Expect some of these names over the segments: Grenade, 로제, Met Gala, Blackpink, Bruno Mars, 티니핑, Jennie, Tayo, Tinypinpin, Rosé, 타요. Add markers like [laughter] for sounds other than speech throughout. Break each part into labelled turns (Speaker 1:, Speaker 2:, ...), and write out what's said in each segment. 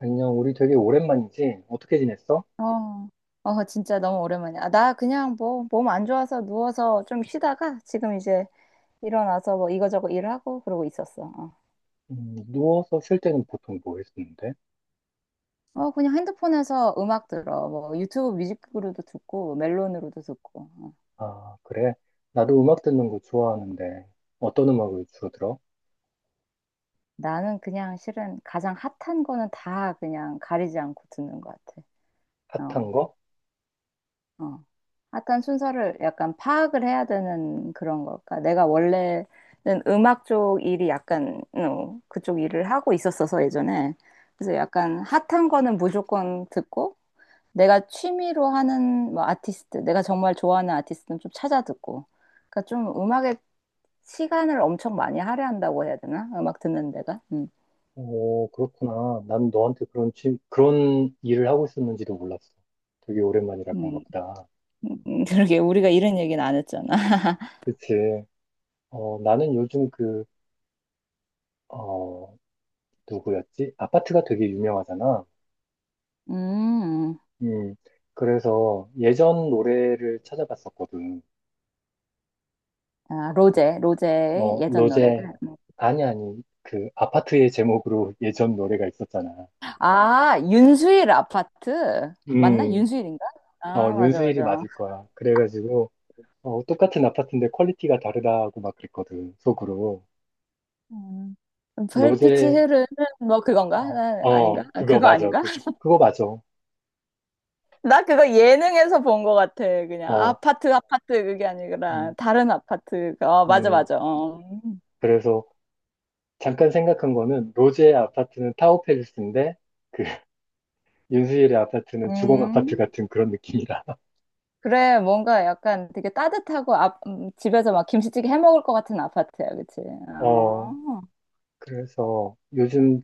Speaker 1: 안녕, 우리 되게 오랜만이지? 어떻게 지냈어?
Speaker 2: 어, 진짜 너무 오랜만이야. 아, 나 그냥 뭐, 몸 안 좋아서 누워서 좀 쉬다가 지금 이제 일어나서 뭐 이거저거 일하고 그러고 있었어. 어.
Speaker 1: 누워서 쉴 때는 보통 뭐 했었는데?
Speaker 2: 그냥 핸드폰에서 음악 들어. 뭐 유튜브 뮤직으로도 듣고, 멜론으로도 듣고. 어.
Speaker 1: 아, 그래? 나도 음악 듣는 거 좋아하는데, 어떤 음악을 주로 들어?
Speaker 2: 나는 그냥 실은 가장 핫한 거는 다 그냥 가리지 않고 듣는 것 같아. 어.
Speaker 1: 핫한 거?
Speaker 2: 어. 한 순서를 약간 파악을 해야 되는 그런 걸까? 내가 원래는 음악 쪽 일이 약간 그쪽 일을 하고 있었어서 예전에. 그래서 약간 핫한 거는 무조건 듣고, 내가 취미로 하는 뭐 아티스트, 내가 정말 좋아하는 아티스트는 좀 찾아 듣고. 그러니까 좀 음악에 시간을 엄청 많이 할애한다고 해야 되나? 음악 듣는 데가. 음.
Speaker 1: 오, 그렇구나. 난 너한테 그런 일을 하고 있었는지도 몰랐어. 되게 오랜만이라고 한가
Speaker 2: 음.
Speaker 1: 보다.
Speaker 2: [laughs] 그러게 우리가 이런 얘기는 안 했잖아. [laughs]
Speaker 1: 그치? 나는 요즘 그, 어, 누구였지? 아파트가 되게 유명하잖아.
Speaker 2: 음.
Speaker 1: 음, 그래서 예전 노래를 찾아봤었거든.
Speaker 2: 아,
Speaker 1: 그래서
Speaker 2: 로제, 로제의
Speaker 1: 뭐
Speaker 2: 예전
Speaker 1: 로제
Speaker 2: 노래들.
Speaker 1: 아니, 아니, 그 아파트의 제목으로 [laughs] 예전 노래가 있었잖아.
Speaker 2: 아, 윤수일 아파트? 맞나?
Speaker 1: 음,
Speaker 2: 윤수일인가? 아, 맞아,
Speaker 1: 윤수일이
Speaker 2: 맞아.
Speaker 1: 맞을 거야. 그래가지고 똑같은 아파트인데 퀄리티가 다르다고 막 그랬거든 속으로.
Speaker 2: 음. 별빛이
Speaker 1: 로제.
Speaker 2: 흐르는 뭐 그건가?
Speaker 1: 어,
Speaker 2: 아닌가?
Speaker 1: 어,
Speaker 2: 아,
Speaker 1: 그거
Speaker 2: 그거
Speaker 1: 맞아.
Speaker 2: 아닌가?
Speaker 1: 그거,
Speaker 2: [laughs]
Speaker 1: 그거 맞아.
Speaker 2: 나 그거 예능에서 본 것 같아. 그냥
Speaker 1: 어,
Speaker 2: 아파트, 아파트 그게 아니라
Speaker 1: 음,
Speaker 2: 다른 아파트. 어, 맞아,
Speaker 1: 음
Speaker 2: 맞아. 어.
Speaker 1: 그래서 잠깐 생각한 거는 로제의 아파트는 타워팰리스인데 그 [laughs] 윤수일의 아파트는 주공 아파트
Speaker 2: 음.
Speaker 1: 같은 그런 느낌이라. [laughs]
Speaker 2: 그래, 뭔가 약간 되게 따뜻하고 아, 집에서 막 김치찌개 해 먹을 것 같은 아파트야, 그치?
Speaker 1: 어
Speaker 2: 어,
Speaker 1: 그래서 요즘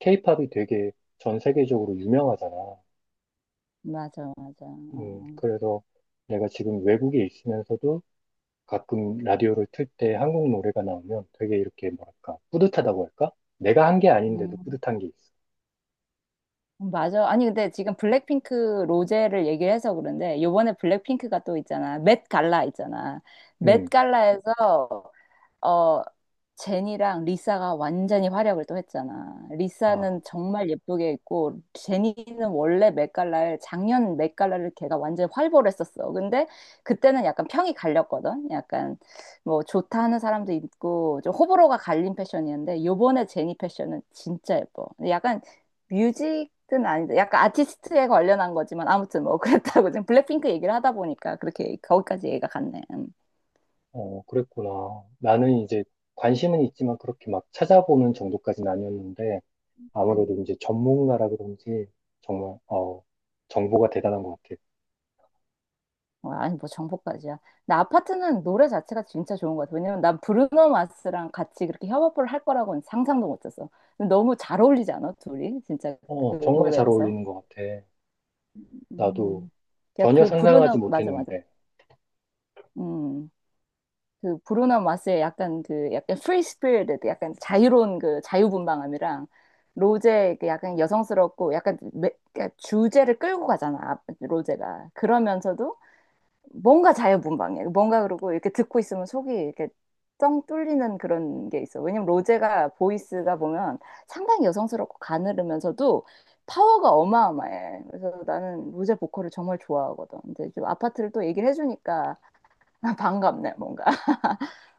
Speaker 1: 케이팝이 되게 전 세계적으로 유명하잖아.
Speaker 2: 맞아, 맞아. 어.
Speaker 1: 그래서 내가 지금 외국에 있으면서도 가끔 라디오를 틀 때 한국 노래가 나오면 되게 이렇게 뭐랄까, 뿌듯하다고 할까? 내가 한 게 아닌데도
Speaker 2: 음.
Speaker 1: 뿌듯한 게 있어.
Speaker 2: 맞아. 아니, 근데 지금 블랙핑크 로제를 얘기를 해서 그런데, 요번에 블랙핑크가 또 있잖아. 맷 갈라 있잖아. 맷
Speaker 1: 음,
Speaker 2: 갈라에서, 어, 제니랑 리사가 완전히 활약을 또 했잖아.
Speaker 1: 아,
Speaker 2: 리사는 정말 예쁘게 입고, 제니는 원래 맷 갈라를, 작년 맷 갈라를 걔가 완전히 활보했었어. 근데 그때는 약간 평이 갈렸거든. 약간 뭐 좋다 하는 사람도 있고, 좀 호불호가 갈린 패션이었는데, 요번에 제니 패션은 진짜 예뻐. 약간 뮤직은 아닌데 약간 아티스트에 관련한 거지만 아무튼 뭐 [laughs] 그랬다고. 지금 블랙핑크 얘기를 하다 보니까 그렇게 거기까지 얘기가 갔네. 음.
Speaker 1: 어, 그랬구나. 나는 이제 관심은 있지만 그렇게 막 찾아보는 정도까지는 아니었는데 아무래도
Speaker 2: 음.
Speaker 1: 이제 전문가라 그런지 정말, 정보가 대단한 것 같아.
Speaker 2: 와, 아니 뭐 정보까지야. 나 아파트는 노래 자체가 진짜 좋은 것 같아. 왜냐면 난 브루노 마스랑 같이 그렇게 협업을 할 거라고는 상상도 못했어. 근데 너무 잘 어울리지 않아? 둘이 진짜 그
Speaker 1: 어, 정말 잘
Speaker 2: 노래에서.
Speaker 1: 어울리는 것 같아. 나도
Speaker 2: 음. 그냥
Speaker 1: 전혀
Speaker 2: 그
Speaker 1: 상상하지
Speaker 2: 브루노, 맞아, 맞아.
Speaker 1: 못했는데.
Speaker 2: 음. 그 브루노 마스의 약간 그 약간 프리 스피릿, 약간 자유로운 그 자유분방함이랑 로제의 그 약간 여성스럽고 그러니까 주제를 끌고 가잖아 로제가. 그러면서도 뭔가 자유분방해. 뭔가 그러고 이렇게 듣고 있으면 속이 이렇게 뻥 뚫리는 그런 게 있어. 왜냐면 로제가 보이스가 보면 상당히 여성스럽고 가늘으면서도 파워가 어마어마해. 그래서 나는 로제 보컬을 정말 좋아하거든. 근데 좀 아파트를 또 얘기를 해주니까 [laughs] 반갑네 뭔가.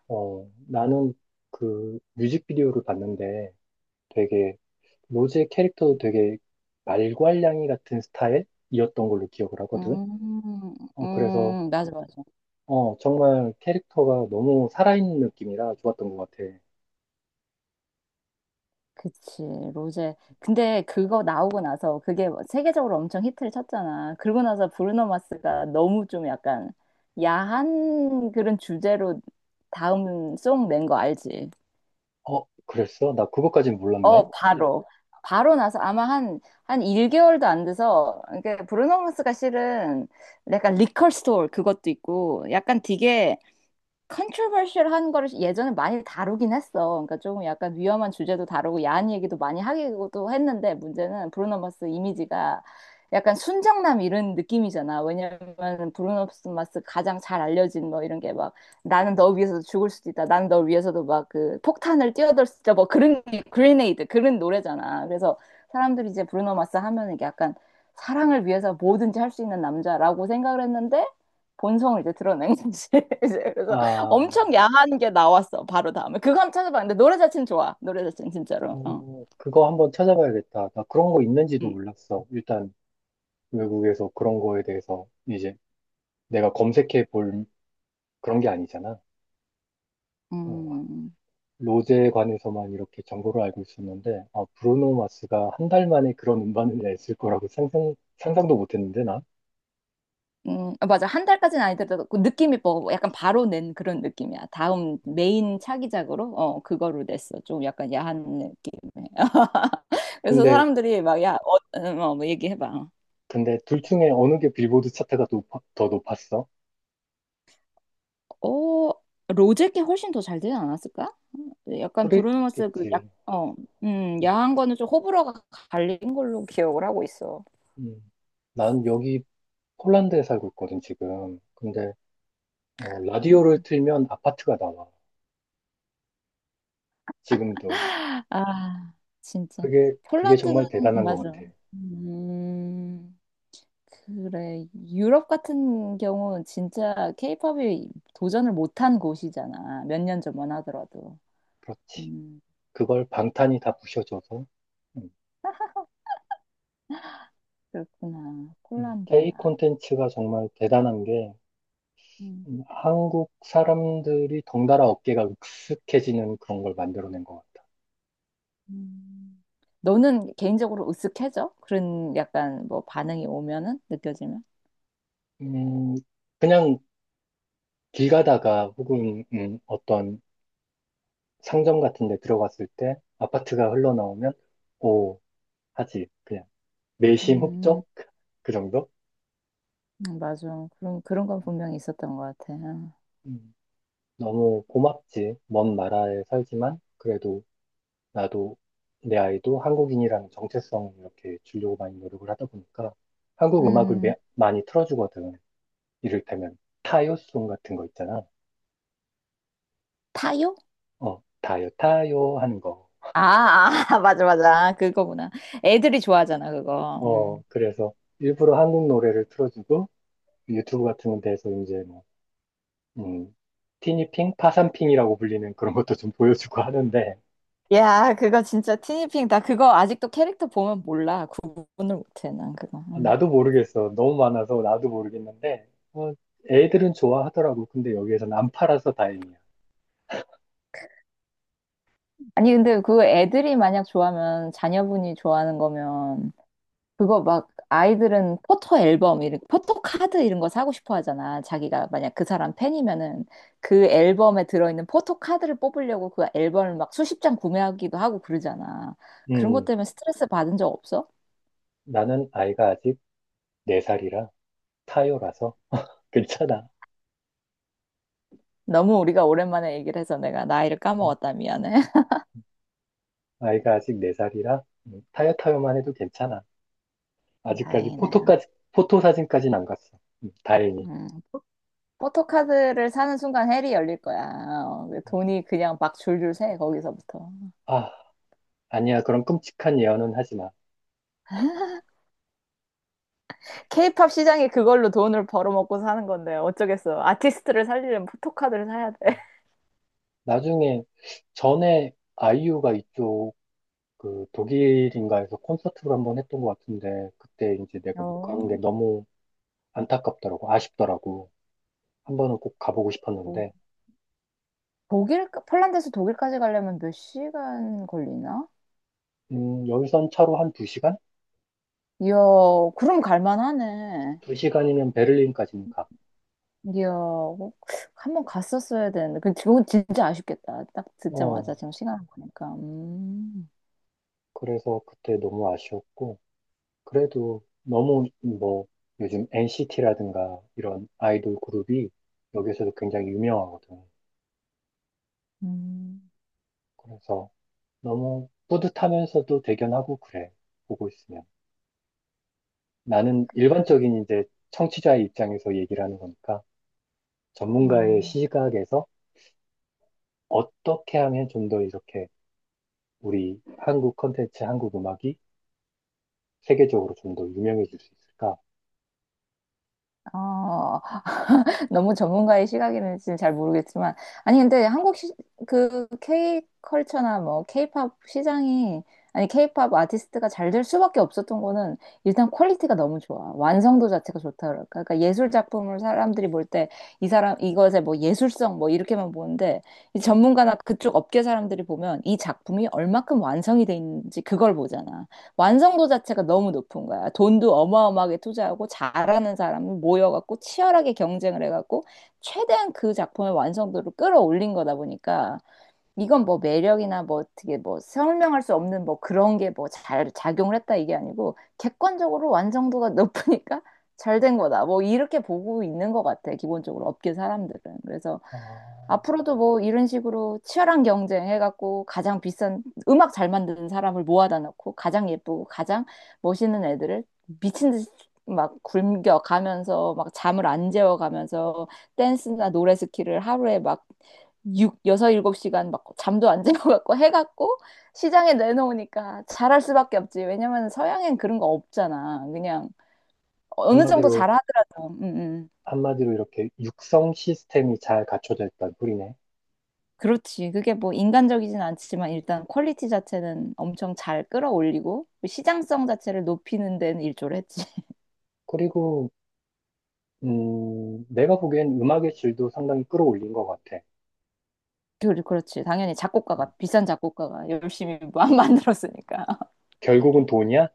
Speaker 1: 어, 나는 그 뮤직비디오를 봤는데 되게 로즈의 캐릭터도 되게 말괄량이 같은 스타일이었던 걸로 기억을 하거든.
Speaker 2: 음.
Speaker 1: 어, 그래서
Speaker 2: 맞아, 맞아.
Speaker 1: 어, 정말 캐릭터가 너무 살아있는 느낌이라 좋았던 것 같아.
Speaker 2: 그치, 로제. 근데 그거 나오고 나서 그게 뭐 세계적으로 엄청 히트를 쳤잖아. 그러고 나서 브루노 마스가 너무 좀 약간 야한 그런 주제로 다음 송 낸 거 알지?
Speaker 1: 어, 그랬어? 나 그거까진 몰랐네.
Speaker 2: 어, 바로. 바로 나서 아마 한 1개월도 안 돼서. 그러니까 브루노 마스가 실은 약간 리컬 스토어 그것도 있고, 약간 되게 컨트로버셜한 거를 예전에 많이 다루긴 했어. 그러니까 조금 약간 위험한 주제도 다루고 야한 얘기도 많이 하기도 했는데, 문제는 브루노 마스 이미지가 약간 순정남 이런 느낌이잖아. 왜냐면 브루노 마스 가장 잘 알려진 뭐 이런 게 막 나는 너 위해서도 죽을 수도 있다, 나는 너 위해서도 막 그 폭탄을 뛰어들 수 있다, 뭐 그런 그레네이드 그런 노래잖아. 그래서 사람들이 이제 브루노 마스 하면은 이게 약간 사랑을 위해서 뭐든지 할 수 있는 남자라고 생각을 했는데 본성을 이제 드러낸 거지. [laughs] 이제 그래서
Speaker 1: 아,
Speaker 2: 엄청 야한 게 나왔어. 바로 다음에. 그거 한번 찾아봤는데 노래 자체는 좋아. 노래 자체는 진짜로. 어.
Speaker 1: 어, 그거 한번 찾아봐야겠다. 나 그런 거 있는지도
Speaker 2: 음.
Speaker 1: 몰랐어. 일단 외국에서 그런 거에 대해서 이제 내가 검색해 볼 그런 게 아니잖아. 어,
Speaker 2: 음.
Speaker 1: 로제에 관해서만 이렇게 정보를 알고 있었는데, 아, 브루노 마스가 1달 만에 그런 음반을 냈을 거라고 상상도 못 했는데, 나.
Speaker 2: 음. 아, 맞아. 한 달까지는 아니더라도 그 느낌이 뭐 약간 바로 낸 그런 느낌이야. 다음 메인 차기작으로 어 그거로 냈어. 좀 약간 야한 느낌에. [laughs] 그래서
Speaker 1: 근데,
Speaker 2: 사람들이 막 야, 어, 어, 뭐 얘기해봐.
Speaker 1: 근데 둘 중에 어느 게 빌보드 차트가 더 높았어?
Speaker 2: 어, 로제께 훨씬 더 잘 되지 않았을까? 약간 브루노 마스 그 약,
Speaker 1: 그랬겠지.
Speaker 2: 어,
Speaker 1: 음.
Speaker 2: 야한 거는 좀 호불호가 갈린 걸로 기억을 하고 있어.
Speaker 1: 음. 난 여기 폴란드에 살고 있거든, 지금. 근데, 라디오를
Speaker 2: 음.
Speaker 1: 틀면 아파트가 나와. 지금도.
Speaker 2: 아, 진짜.
Speaker 1: 그게
Speaker 2: 폴란드는,
Speaker 1: 정말 대단한 것
Speaker 2: 맞아.
Speaker 1: 같아.
Speaker 2: 음, 그래. 유럽 같은 경우는 진짜 케이팝이 도전을 못한 곳이잖아. 몇 년 전만 하더라도.
Speaker 1: 그렇지.
Speaker 2: 음,
Speaker 1: 그걸 방탄이 다 부셔줘서. 음,
Speaker 2: 그렇구나. 폴란드.
Speaker 1: K
Speaker 2: 아,
Speaker 1: 콘텐츠가 정말 대단한 게,
Speaker 2: 음,
Speaker 1: 한국 사람들이 덩달아 어깨가 익숙해지는 그런 걸 만들어낸 것 같다.
Speaker 2: 음. 너는 개인적으로 으쓱해져? 그런 약간 뭐 반응이 오면은 느껴지면?
Speaker 1: 음, 그냥 길 가다가 혹은 어떤 상점 같은 데 들어갔을 때 아파트가 흘러나오면 오 하지. 그냥 내심
Speaker 2: 음,
Speaker 1: 흡족? 그 정도?
Speaker 2: 맞아. 그런, 그런 건 분명히 있었던 것 같아.
Speaker 1: 음, 너무 고맙지. 먼 나라에 살지만 그래도 나도 내 아이도 한국인이라는 정체성을 이렇게 주려고 많이 노력을 하다 보니까 한국 음악을
Speaker 2: 음.
Speaker 1: 많이 틀어주거든. 이를테면 타요송 같은 거 있잖아.
Speaker 2: 타요?
Speaker 1: 어, 타요, 타요 하는 거.
Speaker 2: 아, 아, [laughs] 맞아, 맞아. 그거구나. 애들이 좋아하잖아, 그거.
Speaker 1: 어,
Speaker 2: 음.
Speaker 1: 그래서 일부러 한국 노래를 틀어주고 유튜브 같은 데서 이제 뭐, 음, 티니핑, 파산핑이라고 불리는 그런 것도 좀 보여주고 하는데
Speaker 2: 야, 그거 진짜 티니핑. 나 그거 아직도 캐릭터 보면 몰라. 구분을 못해, 난 그거. 음.
Speaker 1: 나도 모르겠어. 너무 많아서 나도 모르겠는데 어, 애들은 좋아하더라고. 근데 여기에서는 안 팔아서 다행이야.
Speaker 2: 아니, 근데 그 애들이 만약 좋아하면, 자녀분이 좋아하는 거면, 그거 막, 아이들은 포토 앨범, 이런, 포토 카드 이런 거 사고 싶어 하잖아. 자기가 만약 그 사람 팬이면은, 그 앨범에 들어있는 포토 카드를 뽑으려고 그 앨범을 막 수십 장 구매하기도 하고 그러잖아. 그런 것
Speaker 1: 음,
Speaker 2: 때문에 스트레스 받은 적 없어?
Speaker 1: 나는 아이가 아직 4살이라 타요라서 [laughs] 괜찮아.
Speaker 2: 너무 우리가 오랜만에 얘기를 해서 내가 나이를
Speaker 1: 음,
Speaker 2: 까먹었다. 미안해. [laughs]
Speaker 1: 아이가 아직 4살이라 타요 타요만 해도 괜찮아. 아직까지
Speaker 2: 다행이네.
Speaker 1: 포토 사진까지는 안 갔어. 다행히.
Speaker 2: 음. 포토카드를 사는 순간 헬이 열릴 거야. 어,
Speaker 1: 어.
Speaker 2: 돈이 그냥 막 줄줄 새, 거기서부터.
Speaker 1: 아, 아니야. 그런 끔찍한 예언은 하지 마.
Speaker 2: 케이팝 시장이 그걸로 돈을 벌어먹고 사는 건데, 어쩌겠어. 아티스트를 살리려면 포토카드를 사야 돼. [laughs]
Speaker 1: 나중에, 전에 아이유가 이쪽, 그, 독일인가에서 콘서트를 한번 했던 것 같은데, 그때 이제 내가 못
Speaker 2: 어.
Speaker 1: 간 게 너무 안타깝더라고. 아쉽더라고. 한 번은 꼭 가보고
Speaker 2: 어.
Speaker 1: 싶었는데,
Speaker 2: 독일, 폴란드에서 독일까지 가려면 몇 시간 걸리나?
Speaker 1: 열선 차로 한
Speaker 2: 이야, 그럼 갈만하네.
Speaker 1: 두시간두시간이면 베를린까지는 가.
Speaker 2: 이야, 꼭 한번 갔었어야 되는데. 그, 그건 진짜 아쉽겠다. 딱
Speaker 1: 어,
Speaker 2: 듣자마자 지금 시간 보니까. 음.
Speaker 1: 그래서 그때 너무 아쉬웠고, 그래도 너무 뭐 요즘 NCT라든가 이런 아이돌 그룹이 여기서도 굉장히 유명하거든.
Speaker 2: 음,
Speaker 1: 그래서 너무 뿌듯하면서도 대견하고 그래. 보고 있으면. 나는
Speaker 2: 그랬,
Speaker 1: 일반적인 이제 청취자의 입장에서 얘기를 하는 거니까 전문가의
Speaker 2: 음.
Speaker 1: 시각에서 어떻게 하면 좀 더 이렇게 우리 한국 콘텐츠, 한국 음악이 세계적으로 좀 더 유명해질 수 있을까?
Speaker 2: 어, [laughs] 너무 전문가의 시각에는 지금 잘 모르겠지만, 아니, 근데 한국 시, 그 K 컬처나 뭐 K팝 시장이, 아니, K팝 아티스트가 잘 될 수밖에 없었던 거는 일단 퀄리티가 너무 좋아. 완성도 자체가 좋다. 그럴까? 그러니까 예술 작품을 사람들이 볼 때 이 사람, 이것의 뭐 예술성 뭐 이렇게만 보는데, 이 전문가나 그쪽 업계 사람들이 보면 이 작품이 얼마큼 완성이 돼 있는지 그걸 보잖아. 완성도 자체가 너무 높은 거야. 돈도 어마어마하게 투자하고 잘하는 사람을 모여갖고 치열하게 경쟁을 해갖고 최대한 그 작품의 완성도를 끌어올린 거다 보니까 이건 뭐 매력이나 뭐 어떻게 뭐 설명할 수 없는 뭐 그런 게 뭐 잘 작용을 했다 이게 아니고 객관적으로 완성도가 [laughs] 높으니까 잘 된 거다. 뭐 이렇게 보고 있는 것 같아. 기본적으로 업계 사람들은. 그래서
Speaker 1: 어,
Speaker 2: 앞으로도 뭐 이런 식으로 치열한 경쟁 해갖고 가장 비싼 음악 잘 만드는 사람을 모아다 놓고 가장 예쁘고 가장 멋있는 애들을 미친 듯이 막 굶겨가면서 막 잠을 안 재워가면서 댄스나 노래 스킬을 하루에 막 육 여섯 일곱 시간막 잠도 안 [laughs] 자고 갖고 해갖고 시장에 내놓으니까 잘할 수밖에 없지. 왜냐면 서양엔 그런 거 없잖아. 그냥 어느 정도
Speaker 1: 한마디로,
Speaker 2: 잘하더라도.
Speaker 1: 한마디로 이렇게 육성 시스템이 잘 갖춰져 있다는 소리네.
Speaker 2: 그렇지. 그게 뭐 인간적이진 않지만 일단 퀄리티 자체는 엄청 잘 끌어올리고 시장성 자체를 높이는 데는 일조를 했지. [laughs]
Speaker 1: 그리고, 내가 보기엔 음악의 질도 상당히 끌어올린 것 같아.
Speaker 2: 그렇지. 당연히
Speaker 1: 음,
Speaker 2: 작곡가가 비싼 작곡가가 열심히 만들었으니까.
Speaker 1: 결국은 돈이야?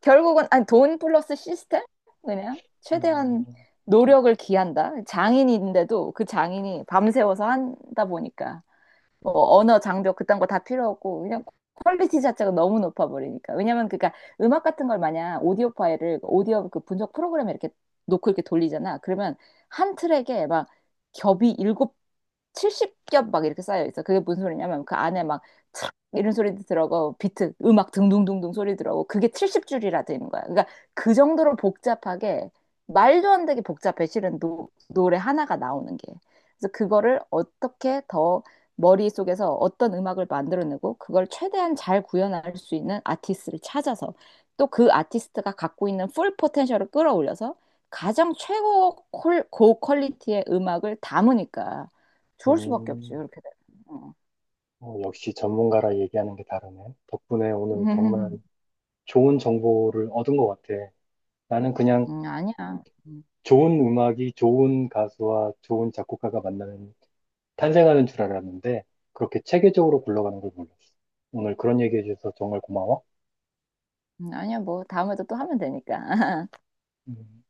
Speaker 2: 결국은 아니 돈 플러스 시스템, 그냥 최대한
Speaker 1: 음,
Speaker 2: 노력을 기한다. 장인인데도 그 장인이 밤새워서 한다 보니까 뭐 언어 장벽 그딴 거 다 필요 없고 그냥 퀄리티 자체가 너무 높아 버리니까. 왜냐면 그니까 음악 같은 걸 마냥 오디오 파일을 오디오 그 분석 프로그램에 이렇게 놓고 이렇게 돌리잖아. 그러면 한 트랙에 막 겹이 일곱 70겹 막 이렇게 쌓여 있어. 그게 무슨 소리냐면 그 안에 막 촥 이런 소리도 들어가고 비트 음악 둥둥둥둥 소리 들어가고 그게 70줄이라 되는 거야. 그러니까 그 정도로 복잡하게 말도 안 되게 복잡해 실은 노래 하나가 나오는 게. 그래서 그거를 어떻게 더 머릿속에서 어떤 음악을 만들어내고 그걸 최대한 잘 구현할 수 있는 아티스트를 찾아서 또 그 아티스트가 갖고 있는 풀 포텐셜을 끌어올려서 가장 최고 고 퀄리티의 음악을 담으니까 좋을 수밖에 없지,
Speaker 1: 음,
Speaker 2: 그렇게 되면. 어.
Speaker 1: 어, 역시 전문가라 얘기하는 게 다르네. 덕분에 오늘 정말
Speaker 2: [laughs]
Speaker 1: 좋은 정보를 얻은 것 같아. 나는 그냥
Speaker 2: 아니야. 음.
Speaker 1: 좋은 음악이 좋은 가수와 좋은 작곡가가 탄생하는 줄 알았는데, 그렇게 체계적으로 굴러가는 걸 몰랐어. 오늘 그런 얘기해 주셔서 정말 고마워.
Speaker 2: 아니야, 뭐, 다음에도 또 하면 되니까. [laughs]
Speaker 1: 음.